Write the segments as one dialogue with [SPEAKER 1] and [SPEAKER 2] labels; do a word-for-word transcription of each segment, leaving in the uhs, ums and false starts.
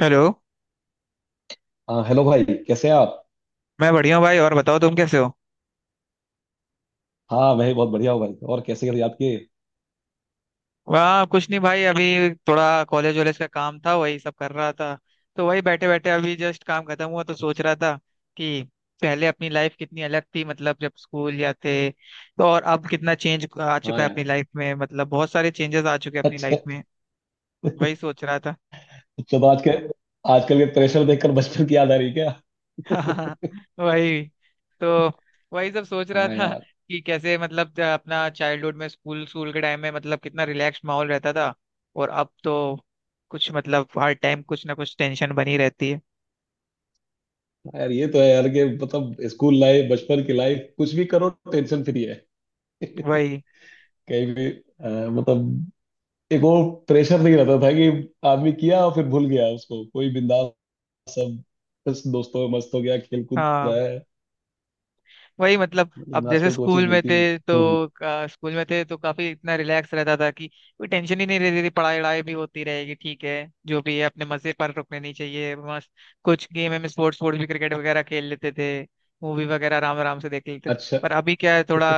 [SPEAKER 1] Hello.
[SPEAKER 2] हाँ hello भाई, कैसे हैं आप।
[SPEAKER 1] मैं बढ़िया हूँ भाई, और बताओ तुम कैसे हो?
[SPEAKER 2] हाँ मैं भी बहुत बढ़िया हूँ भाई, और कैसे कैसे याद किए।
[SPEAKER 1] वाह कुछ नहीं भाई, अभी थोड़ा कॉलेज वॉलेज का काम था, वही सब कर रहा था। तो वही बैठे बैठे अभी जस्ट काम खत्म हुआ तो सोच रहा था कि पहले अपनी लाइफ कितनी अलग थी, मतलब जब स्कूल जाते तो, और अब कितना चेंज आ चुका
[SPEAKER 2] हाँ
[SPEAKER 1] है अपनी
[SPEAKER 2] यार।
[SPEAKER 1] लाइफ में, मतलब बहुत सारे चेंजेस आ चुके हैं अपनी
[SPEAKER 2] अच्छा।
[SPEAKER 1] लाइफ में। वही सोच रहा था।
[SPEAKER 2] चलो आज के आजकल के प्रेशर देखकर बचपन की याद आ रही है क्या।
[SPEAKER 1] हाँ। वही। तो वही सब सोच रहा
[SPEAKER 2] हाँ
[SPEAKER 1] था
[SPEAKER 2] यार।
[SPEAKER 1] कि कैसे मतलब ज- अपना चाइल्डहुड में स्कूल स्कूल के टाइम में मतलब कितना रिलैक्स माहौल रहता था। और अब तो कुछ मतलब हर टाइम कुछ ना कुछ टेंशन बनी रहती है।
[SPEAKER 2] हाँ यार, ये तो है यार, कि मतलब स्कूल लाइफ, बचपन की लाइफ, कुछ भी करो टेंशन फ्री है।
[SPEAKER 1] वही।
[SPEAKER 2] कहीं भी अ, मतलब एक वो प्रेशर नहीं रहता था कि आदमी किया और फिर भूल गया उसको, कोई बिंदास। सब। बस दोस्तों में मस्त हो गया, खेल कूद रहा
[SPEAKER 1] हाँ
[SPEAKER 2] है।
[SPEAKER 1] वही मतलब
[SPEAKER 2] लेकिन
[SPEAKER 1] अब जैसे
[SPEAKER 2] आजकल तो वो चीज
[SPEAKER 1] स्कूल में
[SPEAKER 2] मिलती
[SPEAKER 1] थे
[SPEAKER 2] नहीं। हम्म हम्म।
[SPEAKER 1] तो का- स्कूल में थे तो काफी इतना रिलैक्स रहता था कि कोई टेंशन ही नहीं रहती थी, पढ़ाई वढ़ाई भी होती रहेगी ठीक है। जो भी है अपने मजे पर रुकने नहीं चाहिए, मस्त कुछ गेम में स्पोर्ट्स स्पोर्ट्स भी क्रिकेट वगैरह खेल लेते थे। मूवी वगैरह आराम आराम से देख लेते।
[SPEAKER 2] अच्छा।
[SPEAKER 1] पर अभी क्या है, थोड़ा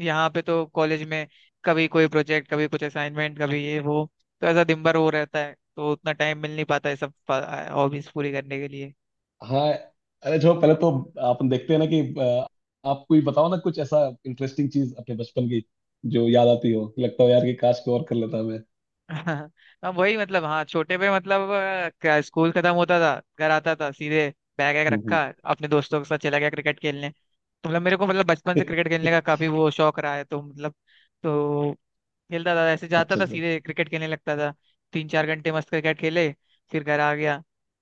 [SPEAKER 1] यहाँ पे तो कॉलेज में कभी कोई प्रोजेक्ट, कभी कुछ असाइनमेंट, कभी ये वो, तो ऐसा दिन भर हो रहता है तो उतना टाइम मिल नहीं पाता है सब हॉबीज पूरी करने के लिए।
[SPEAKER 2] हाँ। अरे, जो पहले तो आप देखते हैं ना कि अ, आप कोई बताओ ना कुछ ऐसा इंटरेस्टिंग चीज अपने बचपन की, जो याद आती हो, लगता हो यार कि काश को और कर लेता मैं।
[SPEAKER 1] हाँ। हाँ, वही मतलब हाँ छोटे पे मतलब अ, क्या स्कूल खत्म होता था, घर आता था सीधे, बैग वैग
[SPEAKER 2] हम्म हम्म।
[SPEAKER 1] रखा, अपने दोस्तों के साथ चला गया क्रिकेट खेलने, तो मतलब मेरे को मतलब बचपन से क्रिकेट खेलने का काफी वो शौक रहा है तो मतलब। तो खेलता था, ऐसे जाता
[SPEAKER 2] अच्छा
[SPEAKER 1] था
[SPEAKER 2] अच्छा।
[SPEAKER 1] सीधे क्रिकेट खेलने लगता था। तीन चार घंटे मस्त क्रिकेट खेले, फिर घर आ गया।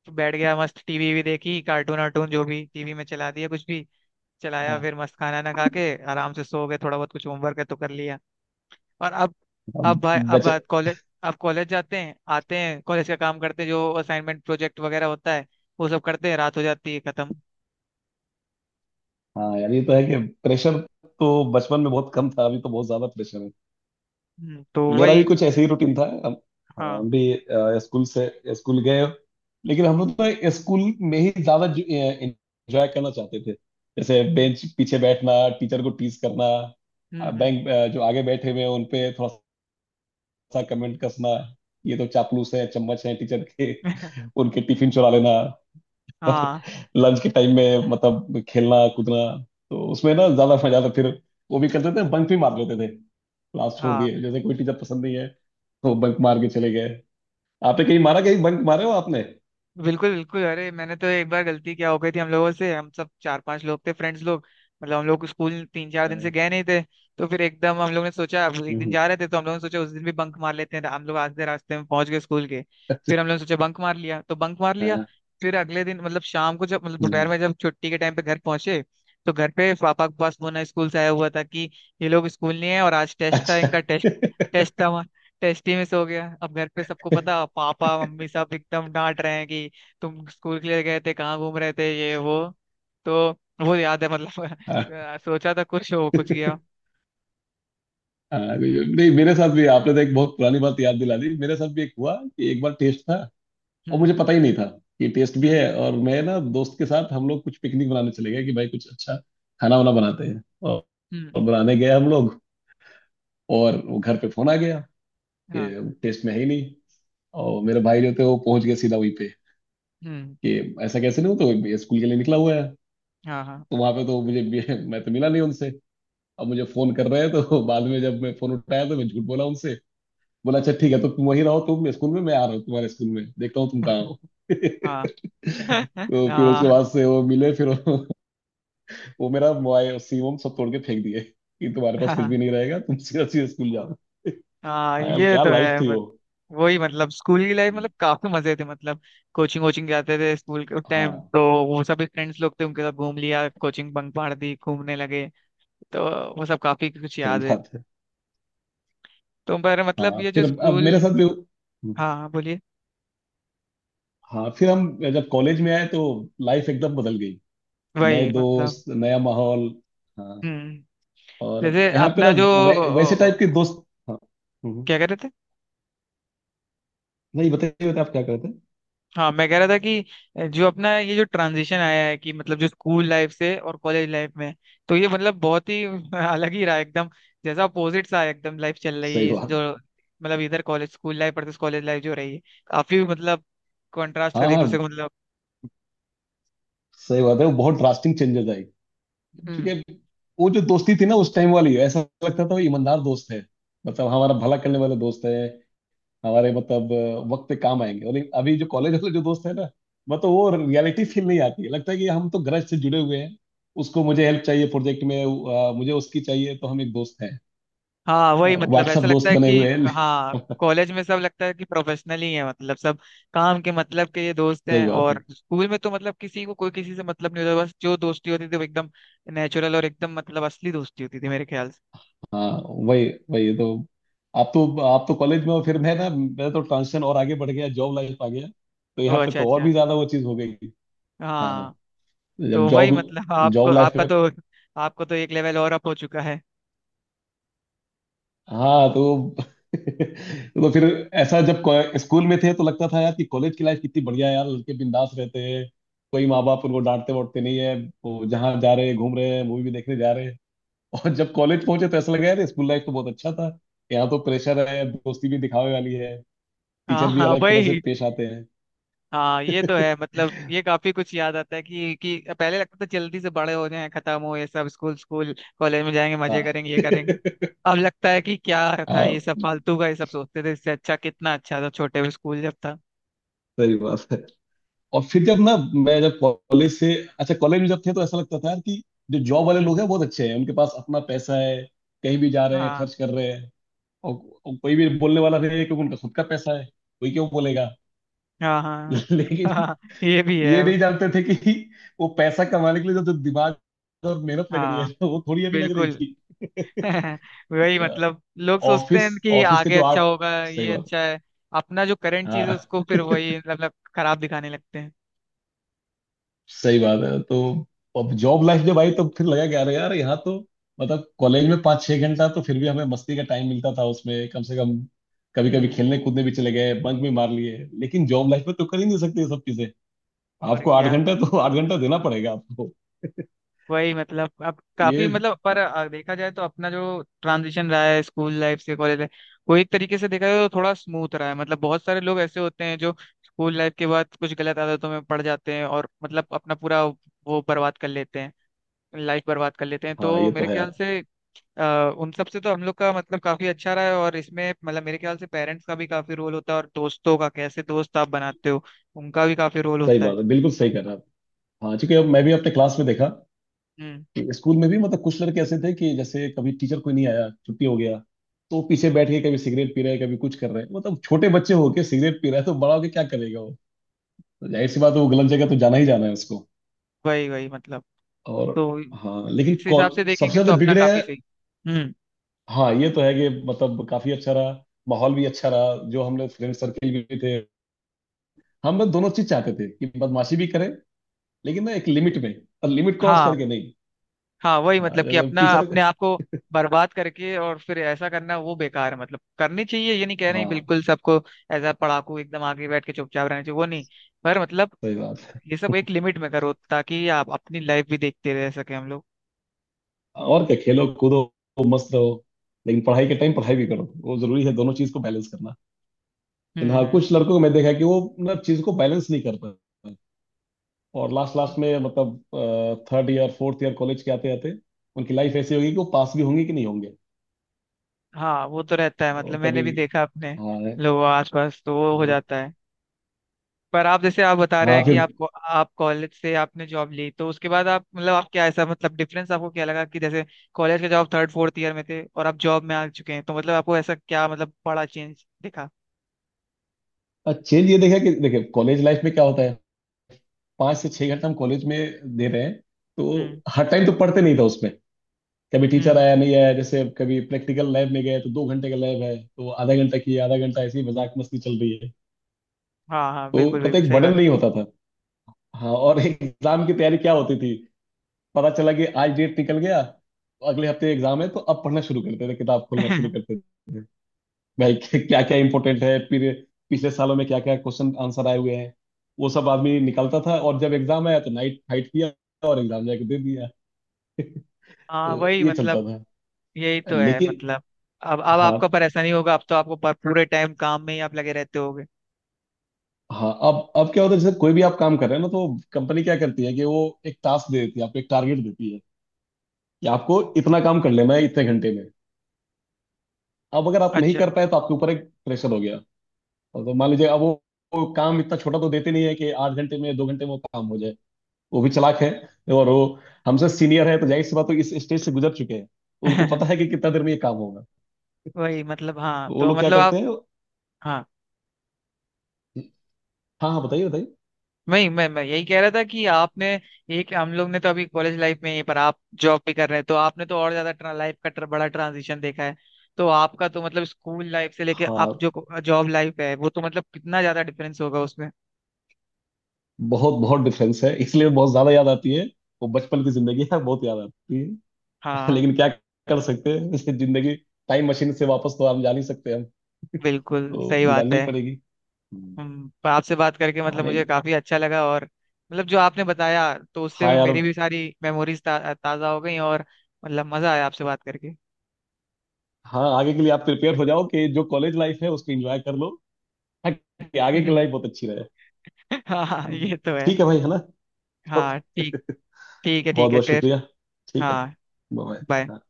[SPEAKER 1] तो बैठ गया मस्त, टीवी भी देखी, कार्टून वार्टून जो भी टीवी में चला दिया, कुछ भी चलाया,
[SPEAKER 2] हाँ।
[SPEAKER 1] फिर मस्त खाना ना खा के आराम से सो गए, थोड़ा बहुत कुछ होमवर्क है तो कर लिया। और अब अब
[SPEAKER 2] अब
[SPEAKER 1] भाई, अब
[SPEAKER 2] बच
[SPEAKER 1] बात कॉलेज। अब कॉलेज जाते हैं, आते हैं, कॉलेज का काम करते हैं, जो असाइनमेंट प्रोजेक्ट वगैरह होता है वो सब करते हैं, रात हो जाती है, खत्म।
[SPEAKER 2] हाँ यार, ये तो है कि प्रेशर तो बचपन में बहुत कम था, अभी तो बहुत ज्यादा प्रेशर है।
[SPEAKER 1] हम्म, तो
[SPEAKER 2] मेरा भी
[SPEAKER 1] वही।
[SPEAKER 2] कुछ ऐसे ही रूटीन था। हम
[SPEAKER 1] हाँ।
[SPEAKER 2] हम भी अ, स्कूल से स्कूल गए। लेकिन हम लोग तो स्कूल में ही ज्यादा एंजॉय करना चाहते थे। जैसे बेंच पीछे बैठना, टीचर को टीज करना,
[SPEAKER 1] हम्म।
[SPEAKER 2] बैंक, जो आगे बैठे हुए हैं उन पे थोड़ा सा कमेंट कसना, ये तो चापलूस है, चम्मच है टीचर के।
[SPEAKER 1] हम्म।
[SPEAKER 2] उनके टिफिन चुरा लेना।
[SPEAKER 1] हाँ
[SPEAKER 2] लंच के टाइम में मतलब खेलना कूदना, तो उसमें ना ज्यादा मजा आता। फिर वो भी करते थे, बंक भी मार लेते थे, क्लास छोड़
[SPEAKER 1] हाँ,
[SPEAKER 2] दिए। जैसे कोई टीचर पसंद नहीं है तो बंक मार के चले गए। आपने कहीं मारा, कहीं बंक मारे हो आपने?
[SPEAKER 1] बिल्कुल बिल्कुल, अरे मैंने तो एक बार गलती क्या हो गई थी हम लोगों से, हम सब चार पांच लोग थे फ्रेंड्स लोग। मतलब हम लोग स्कूल तीन चार दिन से
[SPEAKER 2] हाँ।
[SPEAKER 1] गए नहीं थे। तो फिर एकदम हम लोग ने सोचा, अब एक दिन
[SPEAKER 2] हम्म।
[SPEAKER 1] जा रहे थे तो हम लोगों ने सोचा उस दिन भी बंक मार लेते हैं, तो हम लोग आधे रास्ते में पहुंच गए स्कूल के। फिर हम लोगों ने सोचा बंक मार लिया तो बंक मार लिया।
[SPEAKER 2] हाँ।
[SPEAKER 1] फिर अगले दिन, मतलब शाम को, जब मतलब
[SPEAKER 2] हम्म।
[SPEAKER 1] दोपहर में जब छुट्टी के टाइम पे घर पहुंचे, तो घर पे पापा के पास फोन स्कूल से आया हुआ था कि ये लोग स्कूल नहीं है, और आज टेस्ट था
[SPEAKER 2] अच्छा।
[SPEAKER 1] इनका, टेस्ट टेस्ट था वहाँ। टेस्ट ही मिस हो गया, अब घर पे सबको पता, पापा मम्मी सब एकदम डांट रहे हैं कि तुम स्कूल के लिए गए थे, कहाँ घूम रहे थे ये वो। तो वो याद है, मतलब
[SPEAKER 2] हाँ
[SPEAKER 1] अ, सोचा था कुछ हो कुछ गया।
[SPEAKER 2] हाँ, नहीं नहीं, मेरे साथ भी आपने तो एक बहुत पुरानी बात याद दिला दी। मेरे साथ भी एक हुआ कि एक बार टेस्ट था, और मुझे
[SPEAKER 1] हम्म।
[SPEAKER 2] पता ही नहीं था कि टेस्ट भी
[SPEAKER 1] हम्म।
[SPEAKER 2] है, और मैं ना दोस्त के साथ हम लोग कुछ पिकनिक बनाने चले गए कि भाई कुछ अच्छा खाना वाना बनाते हैं, और,
[SPEAKER 1] हम्म।
[SPEAKER 2] और बनाने गए हम लोग। और वो घर पे फोन आ गया
[SPEAKER 1] हाँ।
[SPEAKER 2] कि टेस्ट में है ही नहीं, और मेरे भाई जो थे वो पहुंच गए सीधा वहीं पे,
[SPEAKER 1] हम्म।
[SPEAKER 2] कि ऐसा कैसे नहीं हो, तो ये स्कूल के लिए निकला हुआ है।
[SPEAKER 1] हाँ। हाँ।
[SPEAKER 2] तो वहां पे तो मुझे भी- मैं तो मिला नहीं उनसे। अब मुझे फोन कर रहे हैं तो बाद में जब मैं फोन उठाया तो मैं झूठ बोला उनसे। बोला, अच्छा ठीक है तो तुम वहीं रहो, तुम स्कूल में, मैं आ रहा हूँ तुम्हारे स्कूल में, देखता हूँ तुम कहाँ हो।
[SPEAKER 1] हाँ।
[SPEAKER 2] तो फिर उसके
[SPEAKER 1] हाँ।
[SPEAKER 2] बाद से वो मिले, फिर वो मेरा मोबाइल सीमोम सब तोड़ के फेंक दिए, कि तुम्हारे पास कुछ
[SPEAKER 1] हाँ।
[SPEAKER 2] भी नहीं रहेगा, तुम सीधा सीधा स्कूल जाओ।
[SPEAKER 1] हाँ,
[SPEAKER 2] हाँ यार,
[SPEAKER 1] ये
[SPEAKER 2] क्या
[SPEAKER 1] तो
[SPEAKER 2] लाइफ
[SPEAKER 1] है
[SPEAKER 2] थी वो।
[SPEAKER 1] मत, वही मतलब स्कूल की लाइफ
[SPEAKER 2] हम्म।
[SPEAKER 1] मतलब काफी मजे थे मतलब। कोचिंग वोचिंग जाते थे स्कूल के टाइम
[SPEAKER 2] हाँ।
[SPEAKER 1] तो, वो सब फ्रेंड्स लोग थे, उनके साथ घूम लिया, कोचिंग बंक मार दी, घूमने लगे। तो वो सब काफी कुछ
[SPEAKER 2] सही
[SPEAKER 1] याद है।
[SPEAKER 2] बात है।
[SPEAKER 1] तो पर मतलब
[SPEAKER 2] हाँ
[SPEAKER 1] ये जो
[SPEAKER 2] फिर, अब, अब
[SPEAKER 1] स्कूल।
[SPEAKER 2] मेरे साथ भी। हम्म,
[SPEAKER 1] हाँ हाँ, बोलिए।
[SPEAKER 2] हाँ, फिर हम जब कॉलेज में आए तो लाइफ एकदम बदल गई। नए
[SPEAKER 1] वही मतलब।
[SPEAKER 2] दोस्त, नया माहौल। हाँ।
[SPEAKER 1] हम्म।
[SPEAKER 2] और
[SPEAKER 1] जैसे
[SPEAKER 2] यहाँ पे ना
[SPEAKER 1] अपना जो
[SPEAKER 2] वै, वैसे टाइप
[SPEAKER 1] अ,
[SPEAKER 2] के दोस्त। हाँ। हम्म।
[SPEAKER 1] क्या कह रहे थे?
[SPEAKER 2] नहीं, बताइए बताइए आप क्या कहते हैं।
[SPEAKER 1] हाँ मैं कह रहा था कि जो अपना ये जो ट्रांजिशन आया है कि मतलब जो स्कूल लाइफ से और कॉलेज लाइफ में, तो ये मतलब बहुत ही अलग ही रहा एकदम, जैसा अपोजिट सा एकदम लाइफ चल रही
[SPEAKER 2] सही
[SPEAKER 1] है इस
[SPEAKER 2] बात।
[SPEAKER 1] जो, मतलब इधर college, school life versus college life जो रही है, काफी मतलब कंट्रास्ट
[SPEAKER 2] हाँ
[SPEAKER 1] कर एक दूसरे
[SPEAKER 2] हाँ।
[SPEAKER 1] को मतलब।
[SPEAKER 2] सही बात है, वो बहुत ड्रास्टिक चेंजेस आए। क्योंकि वो जो दोस्ती थी ना उस टाइम वाली, ऐसा लगता था वो ईमानदार दोस्त है, मतलब हमारा भला करने वाले दोस्त है, हमारे मतलब अ, वक्त पे काम आएंगे। और लेकिन अभी जो कॉलेज वाले जो दोस्त है ना, मतलब वो रियलिटी फील नहीं आती है। लगता है कि हम तो गरज से जुड़े हुए हैं, उसको मुझे हेल्प चाहिए प्रोजेक्ट में, अ, मुझे उसकी चाहिए, तो हम एक दोस्त हैं।
[SPEAKER 1] हाँ वही मतलब
[SPEAKER 2] व्हाट्सएप
[SPEAKER 1] ऐसा लगता
[SPEAKER 2] दोस्त
[SPEAKER 1] है
[SPEAKER 2] बने
[SPEAKER 1] कि
[SPEAKER 2] हुए हैं।
[SPEAKER 1] हाँ कॉलेज में सब लगता है कि प्रोफेशनल ही है, मतलब सब काम के मतलब के ये दोस्त
[SPEAKER 2] सही
[SPEAKER 1] हैं,
[SPEAKER 2] बात है।
[SPEAKER 1] और स्कूल में तो मतलब किसी को कोई किसी से मतलब नहीं होता, बस जो दोस्ती होती थी वो एकदम नेचुरल और एकदम मतलब असली दोस्ती होती थी मेरे ख्याल से।
[SPEAKER 2] हाँ, वही वही तो। आप तो आप तो कॉलेज में हो, फिर मैं ना मैं तो ट्रांजिशन और आगे बढ़ गया, जॉब लाइफ आ गया। तो
[SPEAKER 1] ओ
[SPEAKER 2] यहाँ पे
[SPEAKER 1] अच्छा
[SPEAKER 2] तो और
[SPEAKER 1] अच्छा।
[SPEAKER 2] भी ज्यादा वो चीज हो गई। हाँ हाँ।
[SPEAKER 1] हाँ।
[SPEAKER 2] जब
[SPEAKER 1] तो वही
[SPEAKER 2] जॉब
[SPEAKER 1] मतलब आपको
[SPEAKER 2] जॉब लाइफ
[SPEAKER 1] आपका
[SPEAKER 2] में।
[SPEAKER 1] तो आपको तो एक लेवल और अप हो चुका है।
[SPEAKER 2] हाँ तो तो फिर ऐसा, जब को- स्कूल में थे तो लगता था यार कि कॉलेज की लाइफ कितनी बढ़िया है यार, लड़के बिंदास रहते हैं, कोई माँ बाप उनको डांटते वाटते नहीं है, वो जहाँ जा रहे हैं घूम रहे हैं, मूवी भी देखने जा रहे हैं। और जब कॉलेज पहुंचे तो ऐसा लगा यार, स्कूल लाइफ तो बहुत अच्छा था, यहाँ तो प्रेशर है, दोस्ती भी दिखावे वाली है,
[SPEAKER 1] हाँ
[SPEAKER 2] टीचर भी
[SPEAKER 1] हाँ,
[SPEAKER 2] अलग तरह से
[SPEAKER 1] वही।
[SPEAKER 2] पेश आते हैं।
[SPEAKER 1] हाँ ये तो है मतलब ये काफी कुछ याद आता है कि कि पहले लगता था जल्दी से बड़े हो जाएं, खत्म हो ये सब स्कूल स्कूल, कॉलेज में जाएंगे, मजे
[SPEAKER 2] हाँ।
[SPEAKER 1] करेंगे, ये करेंगे। अब लगता है कि क्या था
[SPEAKER 2] हाँ,
[SPEAKER 1] ये सब फालतू का, ये सब सोचते थे, इससे अच्छा कितना अच्छा था छोटे में स्कूल जब था।
[SPEAKER 2] सही बात। और फिर जब ना, मैं जब कॉलेज से, अच्छा कॉलेज में जब थे तो ऐसा लगता था यार कि जो जॉब वाले
[SPEAKER 1] हम्म।
[SPEAKER 2] लोग हैं बहुत अच्छे हैं, उनके पास अपना पैसा है, कहीं भी जा रहे हैं,
[SPEAKER 1] हाँ
[SPEAKER 2] खर्च कर रहे हैं, और, और, कोई भी बोलने वाला नहीं है क्योंकि उनका खुद का पैसा है। कोई क्यों बोलेगा।
[SPEAKER 1] हाँ हाँ
[SPEAKER 2] लेकिन
[SPEAKER 1] हाँ। ये भी है।
[SPEAKER 2] ये नहीं जानते थे कि वो पैसा कमाने के लिए जो जो दिमाग और मेहनत लग रही है
[SPEAKER 1] हाँ
[SPEAKER 2] ना, वो थोड़ी अभी लग रही
[SPEAKER 1] बिल्कुल।
[SPEAKER 2] थी।
[SPEAKER 1] वही मतलब लोग सोचते
[SPEAKER 2] ऑफिस
[SPEAKER 1] हैं कि
[SPEAKER 2] ऑफिस के
[SPEAKER 1] आगे
[SPEAKER 2] जो
[SPEAKER 1] अच्छा
[SPEAKER 2] आर्ट,
[SPEAKER 1] होगा,
[SPEAKER 2] सही
[SPEAKER 1] ये
[SPEAKER 2] बात।
[SPEAKER 1] अच्छा है, अपना जो करंट चीज है
[SPEAKER 2] हाँ
[SPEAKER 1] उसको फिर वही मतलब खराब दिखाने लगते हैं।
[SPEAKER 2] सही बात है। तो अब जॉब लाइफ जब आई तब फिर लगा क्या रहा यार, यहाँ तो मतलब कॉलेज में पाँच छह घंटा तो फिर भी हमें मस्ती का टाइम मिलता था उसमें, कम से कम कभी कभी
[SPEAKER 1] हम्म।
[SPEAKER 2] खेलने कूदने भी चले गए, बंक भी मार लिए। लेकिन जॉब लाइफ में तो कर ही नहीं सकते ये सब चीजें।
[SPEAKER 1] और
[SPEAKER 2] आपको आठ
[SPEAKER 1] क्या।
[SPEAKER 2] घंटा तो आठ घंटा देना पड़ेगा आपको।
[SPEAKER 1] वही मतलब अब काफी
[SPEAKER 2] ये,
[SPEAKER 1] मतलब, पर अ, देखा जाए तो अपना जो ट्रांजिशन रहा है स्कूल लाइफ से कॉलेज लाइफ, वो एक तरीके से देखा जाए तो थोड़ा स्मूथ रहा है, मतलब बहुत सारे लोग ऐसे होते हैं जो स्कूल लाइफ के बाद कुछ गलत आदतों में पड़ जाते हैं, और मतलब अपना पूरा वो बर्बाद कर लेते हैं, लाइफ बर्बाद कर लेते हैं,
[SPEAKER 2] हाँ
[SPEAKER 1] तो
[SPEAKER 2] ये तो
[SPEAKER 1] मेरे
[SPEAKER 2] है
[SPEAKER 1] ख्याल
[SPEAKER 2] यार।
[SPEAKER 1] से आ, उन सब से तो हम लोग का मतलब काफी अच्छा रहा है, और इसमें मतलब मेरे ख्याल से पेरेंट्स का भी काफी रोल होता है, और दोस्तों का, कैसे दोस्त आप बनाते हो उनका भी काफी रोल
[SPEAKER 2] सही
[SPEAKER 1] होता है।
[SPEAKER 2] बात है, बिल्कुल सही कह रहा आप। हाँ, चूंकि अब मैं भी अपने क्लास में देखा,
[SPEAKER 1] हम्म।
[SPEAKER 2] स्कूल में भी मतलब कुछ लड़के ऐसे थे कि जैसे कभी टीचर कोई नहीं आया, छुट्टी हो गया, तो वो पीछे बैठ के कभी सिगरेट पी रहे हैं, कभी कुछ कर रहे हैं। मतलब छोटे बच्चे होके सिगरेट पी रहा है तो बड़ा होके क्या करेगा वो। तो जाहिर सी बात है, वो गलत जगह तो जाना ही जाना है उसको।
[SPEAKER 1] वही वही मतलब
[SPEAKER 2] और
[SPEAKER 1] तो
[SPEAKER 2] हाँ, लेकिन
[SPEAKER 1] इस
[SPEAKER 2] कॉल
[SPEAKER 1] हिसाब से
[SPEAKER 2] सबसे
[SPEAKER 1] देखेंगे तो
[SPEAKER 2] ज्यादा
[SPEAKER 1] अपना
[SPEAKER 2] बिगड़े
[SPEAKER 1] काफी
[SPEAKER 2] हैं।
[SPEAKER 1] सही। हम्म।
[SPEAKER 2] हाँ ये तो है कि मतलब काफी अच्छा रहा, माहौल भी अच्छा रहा, जो हम लोग फ्रेंड सर्किल भी थे, हम लोग दोनों चीज चाहते थे कि बदमाशी भी करें लेकिन ना एक लिमिट में, और लिमिट क्रॉस
[SPEAKER 1] हाँ।
[SPEAKER 2] करके नहीं।
[SPEAKER 1] हाँ वही
[SPEAKER 2] हाँ
[SPEAKER 1] मतलब कि
[SPEAKER 2] जैसे
[SPEAKER 1] अपना
[SPEAKER 2] टीचर,
[SPEAKER 1] अपने आप को बर्बाद करके और फिर ऐसा करना वो बेकार है, मतलब करनी चाहिए ये नहीं कह रहे हैं
[SPEAKER 2] हाँ
[SPEAKER 1] बिल्कुल, सबको ऐसा पढ़ाकू एकदम आगे बैठ के चुपचाप रहना चाहिए वो नहीं, पर मतलब
[SPEAKER 2] सही बात।
[SPEAKER 1] ये सब एक लिमिट में करो ताकि आप अपनी लाइफ भी देखते रह सके हम लोग।
[SPEAKER 2] और क्या, खेलो कूदो मस्त रहो, लेकिन पढ़ाई के टाइम पढ़ाई भी करो, वो जरूरी है, दोनों चीज को बैलेंस करना। लेकिन
[SPEAKER 1] हम्म।
[SPEAKER 2] हाँ,
[SPEAKER 1] हम्म।
[SPEAKER 2] कुछ लड़कों को मैं देखा है कि वो मतलब चीज को बैलेंस नहीं कर पाते, और लास्ट लास्ट में मतलब third year fourth year college के आते आते उनकी लाइफ ऐसी होगी कि वो पास भी होंगे कि नहीं होंगे।
[SPEAKER 1] हाँ वो तो रहता है,
[SPEAKER 2] और
[SPEAKER 1] मतलब मैंने
[SPEAKER 2] कभी,
[SPEAKER 1] भी देखा अपने
[SPEAKER 2] हाँ।
[SPEAKER 1] लोगों आसपास तो वो हो
[SPEAKER 2] हाँ।
[SPEAKER 1] जाता है। पर आप जैसे आप बता रहे
[SPEAKER 2] हाँ
[SPEAKER 1] हैं कि
[SPEAKER 2] फिर,
[SPEAKER 1] आपको आप कॉलेज से आपने जॉब ली तो उसके बाद आप मतलब आप क्या ऐसा मतलब डिफरेंस आपको क्या लगा कि जैसे कॉलेज के जॉब थर्ड फोर्थ ईयर में थे और आप जॉब में आ चुके हैं तो मतलब आपको ऐसा क्या मतलब बड़ा चेंज दिखा?
[SPEAKER 2] चेंज ये देखा कि, देखिए कॉलेज लाइफ में क्या होता है, पाँच से छह घंटे हम कॉलेज में दे रहे हैं, तो
[SPEAKER 1] हम्म।
[SPEAKER 2] हर टाइम तो पढ़ते नहीं था उसमें, कभी टीचर
[SPEAKER 1] हम्म।
[SPEAKER 2] आया नहीं आया, जैसे कभी प्रैक्टिकल लैब में गए तो दो घंटे का लैब है तो वो आधा घंटा किया, आधा घंटा ऐसी मजाक मस्ती चल रही है।
[SPEAKER 1] हाँ हाँ,
[SPEAKER 2] तो
[SPEAKER 1] बिल्कुल
[SPEAKER 2] पता,
[SPEAKER 1] बिल्कुल
[SPEAKER 2] एक
[SPEAKER 1] सही
[SPEAKER 2] बर्डन
[SPEAKER 1] बात।
[SPEAKER 2] नहीं होता था। हाँ, और एग्जाम की तैयारी क्या होती थी, पता चला कि आज डेट निकल गया, अगले हफ्ते एग्जाम है, तो अब पढ़ना शुरू करते थे, किताब खोलना शुरू करते थे। भाई क्या क्या इंपॉर्टेंट है फिर, पिछले सालों में क्या क्या क्वेश्चन आंसर आए हुए हैं, वो सब आदमी निकालता था, और जब एग्जाम आया तो नाइट फाइट किया और एग्जाम जाके दे दिया।
[SPEAKER 1] हाँ
[SPEAKER 2] तो
[SPEAKER 1] वही
[SPEAKER 2] ये चलता
[SPEAKER 1] मतलब,
[SPEAKER 2] था,
[SPEAKER 1] यही तो है
[SPEAKER 2] लेकिन,
[SPEAKER 1] मतलब, अब अब
[SPEAKER 2] हाँ
[SPEAKER 1] आपका परेशानी होगा, अब तो आपको पर, पूरे टाइम काम में ही आप लगे रहते होगे।
[SPEAKER 2] हाँ। अब अब क्या होता है, जैसे कोई भी आप काम कर रहे हैं ना, तो कंपनी क्या करती है कि वो एक टास्क दे देती है आपको, एक टारगेट देती है कि आपको
[SPEAKER 1] हम्म।
[SPEAKER 2] इतना काम कर
[SPEAKER 1] हम्म।
[SPEAKER 2] लेना है इतने घंटे में। अब अगर आप नहीं
[SPEAKER 1] अच्छा।
[SPEAKER 2] कर पाए, तो आपके ऊपर एक प्रेशर हो गया। और तो मान लीजिए, अब वो, वो काम इतना छोटा तो देते नहीं है कि आठ घंटे में दो घंटे में वो काम हो जाए। वो भी चालाक है, और वो हमसे सीनियर है, तो जाहिर सी बात तो इस स्टेज से गुजर चुके हैं, उनको पता है कि कितना देर में ये काम होगा।
[SPEAKER 1] वही मतलब हाँ
[SPEAKER 2] तो वो
[SPEAKER 1] तो
[SPEAKER 2] लोग क्या
[SPEAKER 1] मतलब
[SPEAKER 2] करते
[SPEAKER 1] आप।
[SPEAKER 2] हैं।
[SPEAKER 1] हाँ
[SPEAKER 2] हाँ हाँ, बताइए बताइए।
[SPEAKER 1] वही मैं मैं यही कह रहा था कि आपने एक हम लोग ने तो अभी कॉलेज लाइफ में ही, पर आप जॉब भी कर रहे हैं तो आपने तो और ज्यादा ट्रा, लाइफ का ट्र, बड़ा ट्रांजिशन देखा है, तो आपका तो मतलब स्कूल लाइफ से लेके अब
[SPEAKER 2] हाँ,
[SPEAKER 1] जो जॉब लाइफ है वो तो मतलब कितना ज्यादा डिफरेंस होगा उसमें।
[SPEAKER 2] बहुत बहुत डिफरेंस है, इसलिए बहुत ज्यादा याद आती है वो बचपन की जिंदगी है, बहुत याद आती है।
[SPEAKER 1] हाँ
[SPEAKER 2] लेकिन क्या कर सकते हैं, जिंदगी, टाइम मशीन से वापस तो हम जा नहीं सकते। हम
[SPEAKER 1] बिल्कुल
[SPEAKER 2] तो
[SPEAKER 1] सही बात
[SPEAKER 2] गुजारनी ही
[SPEAKER 1] है।
[SPEAKER 2] पड़ेगी। हम्म।
[SPEAKER 1] हम्म, पर आपसे बात करके
[SPEAKER 2] हाँ,
[SPEAKER 1] मतलब मुझे
[SPEAKER 2] नहीं,
[SPEAKER 1] काफी अच्छा लगा, और मतलब जो आपने बताया तो उससे
[SPEAKER 2] हाँ
[SPEAKER 1] भी
[SPEAKER 2] यार।
[SPEAKER 1] मेरी भी सारी मेमोरीज ता, ताजा हो गई, और मतलब मजा आया आपसे बात करके।
[SPEAKER 2] हाँ, आगे के लिए आप प्रिपेयर हो जाओ, कि जो कॉलेज लाइफ है उसको एंजॉय कर लो, ताकि आगे की लाइफ बहुत अच्छी रहे।
[SPEAKER 1] हाँ हाँ,
[SPEAKER 2] हम्म,
[SPEAKER 1] ये तो है।
[SPEAKER 2] ठीक है भाई है ना। बहुत
[SPEAKER 1] हाँ ठीक। ठीक है, ठीक है
[SPEAKER 2] बहुत
[SPEAKER 1] फिर।
[SPEAKER 2] शुक्रिया। ठीक है।
[SPEAKER 1] हाँ। बाय।
[SPEAKER 2] बाय।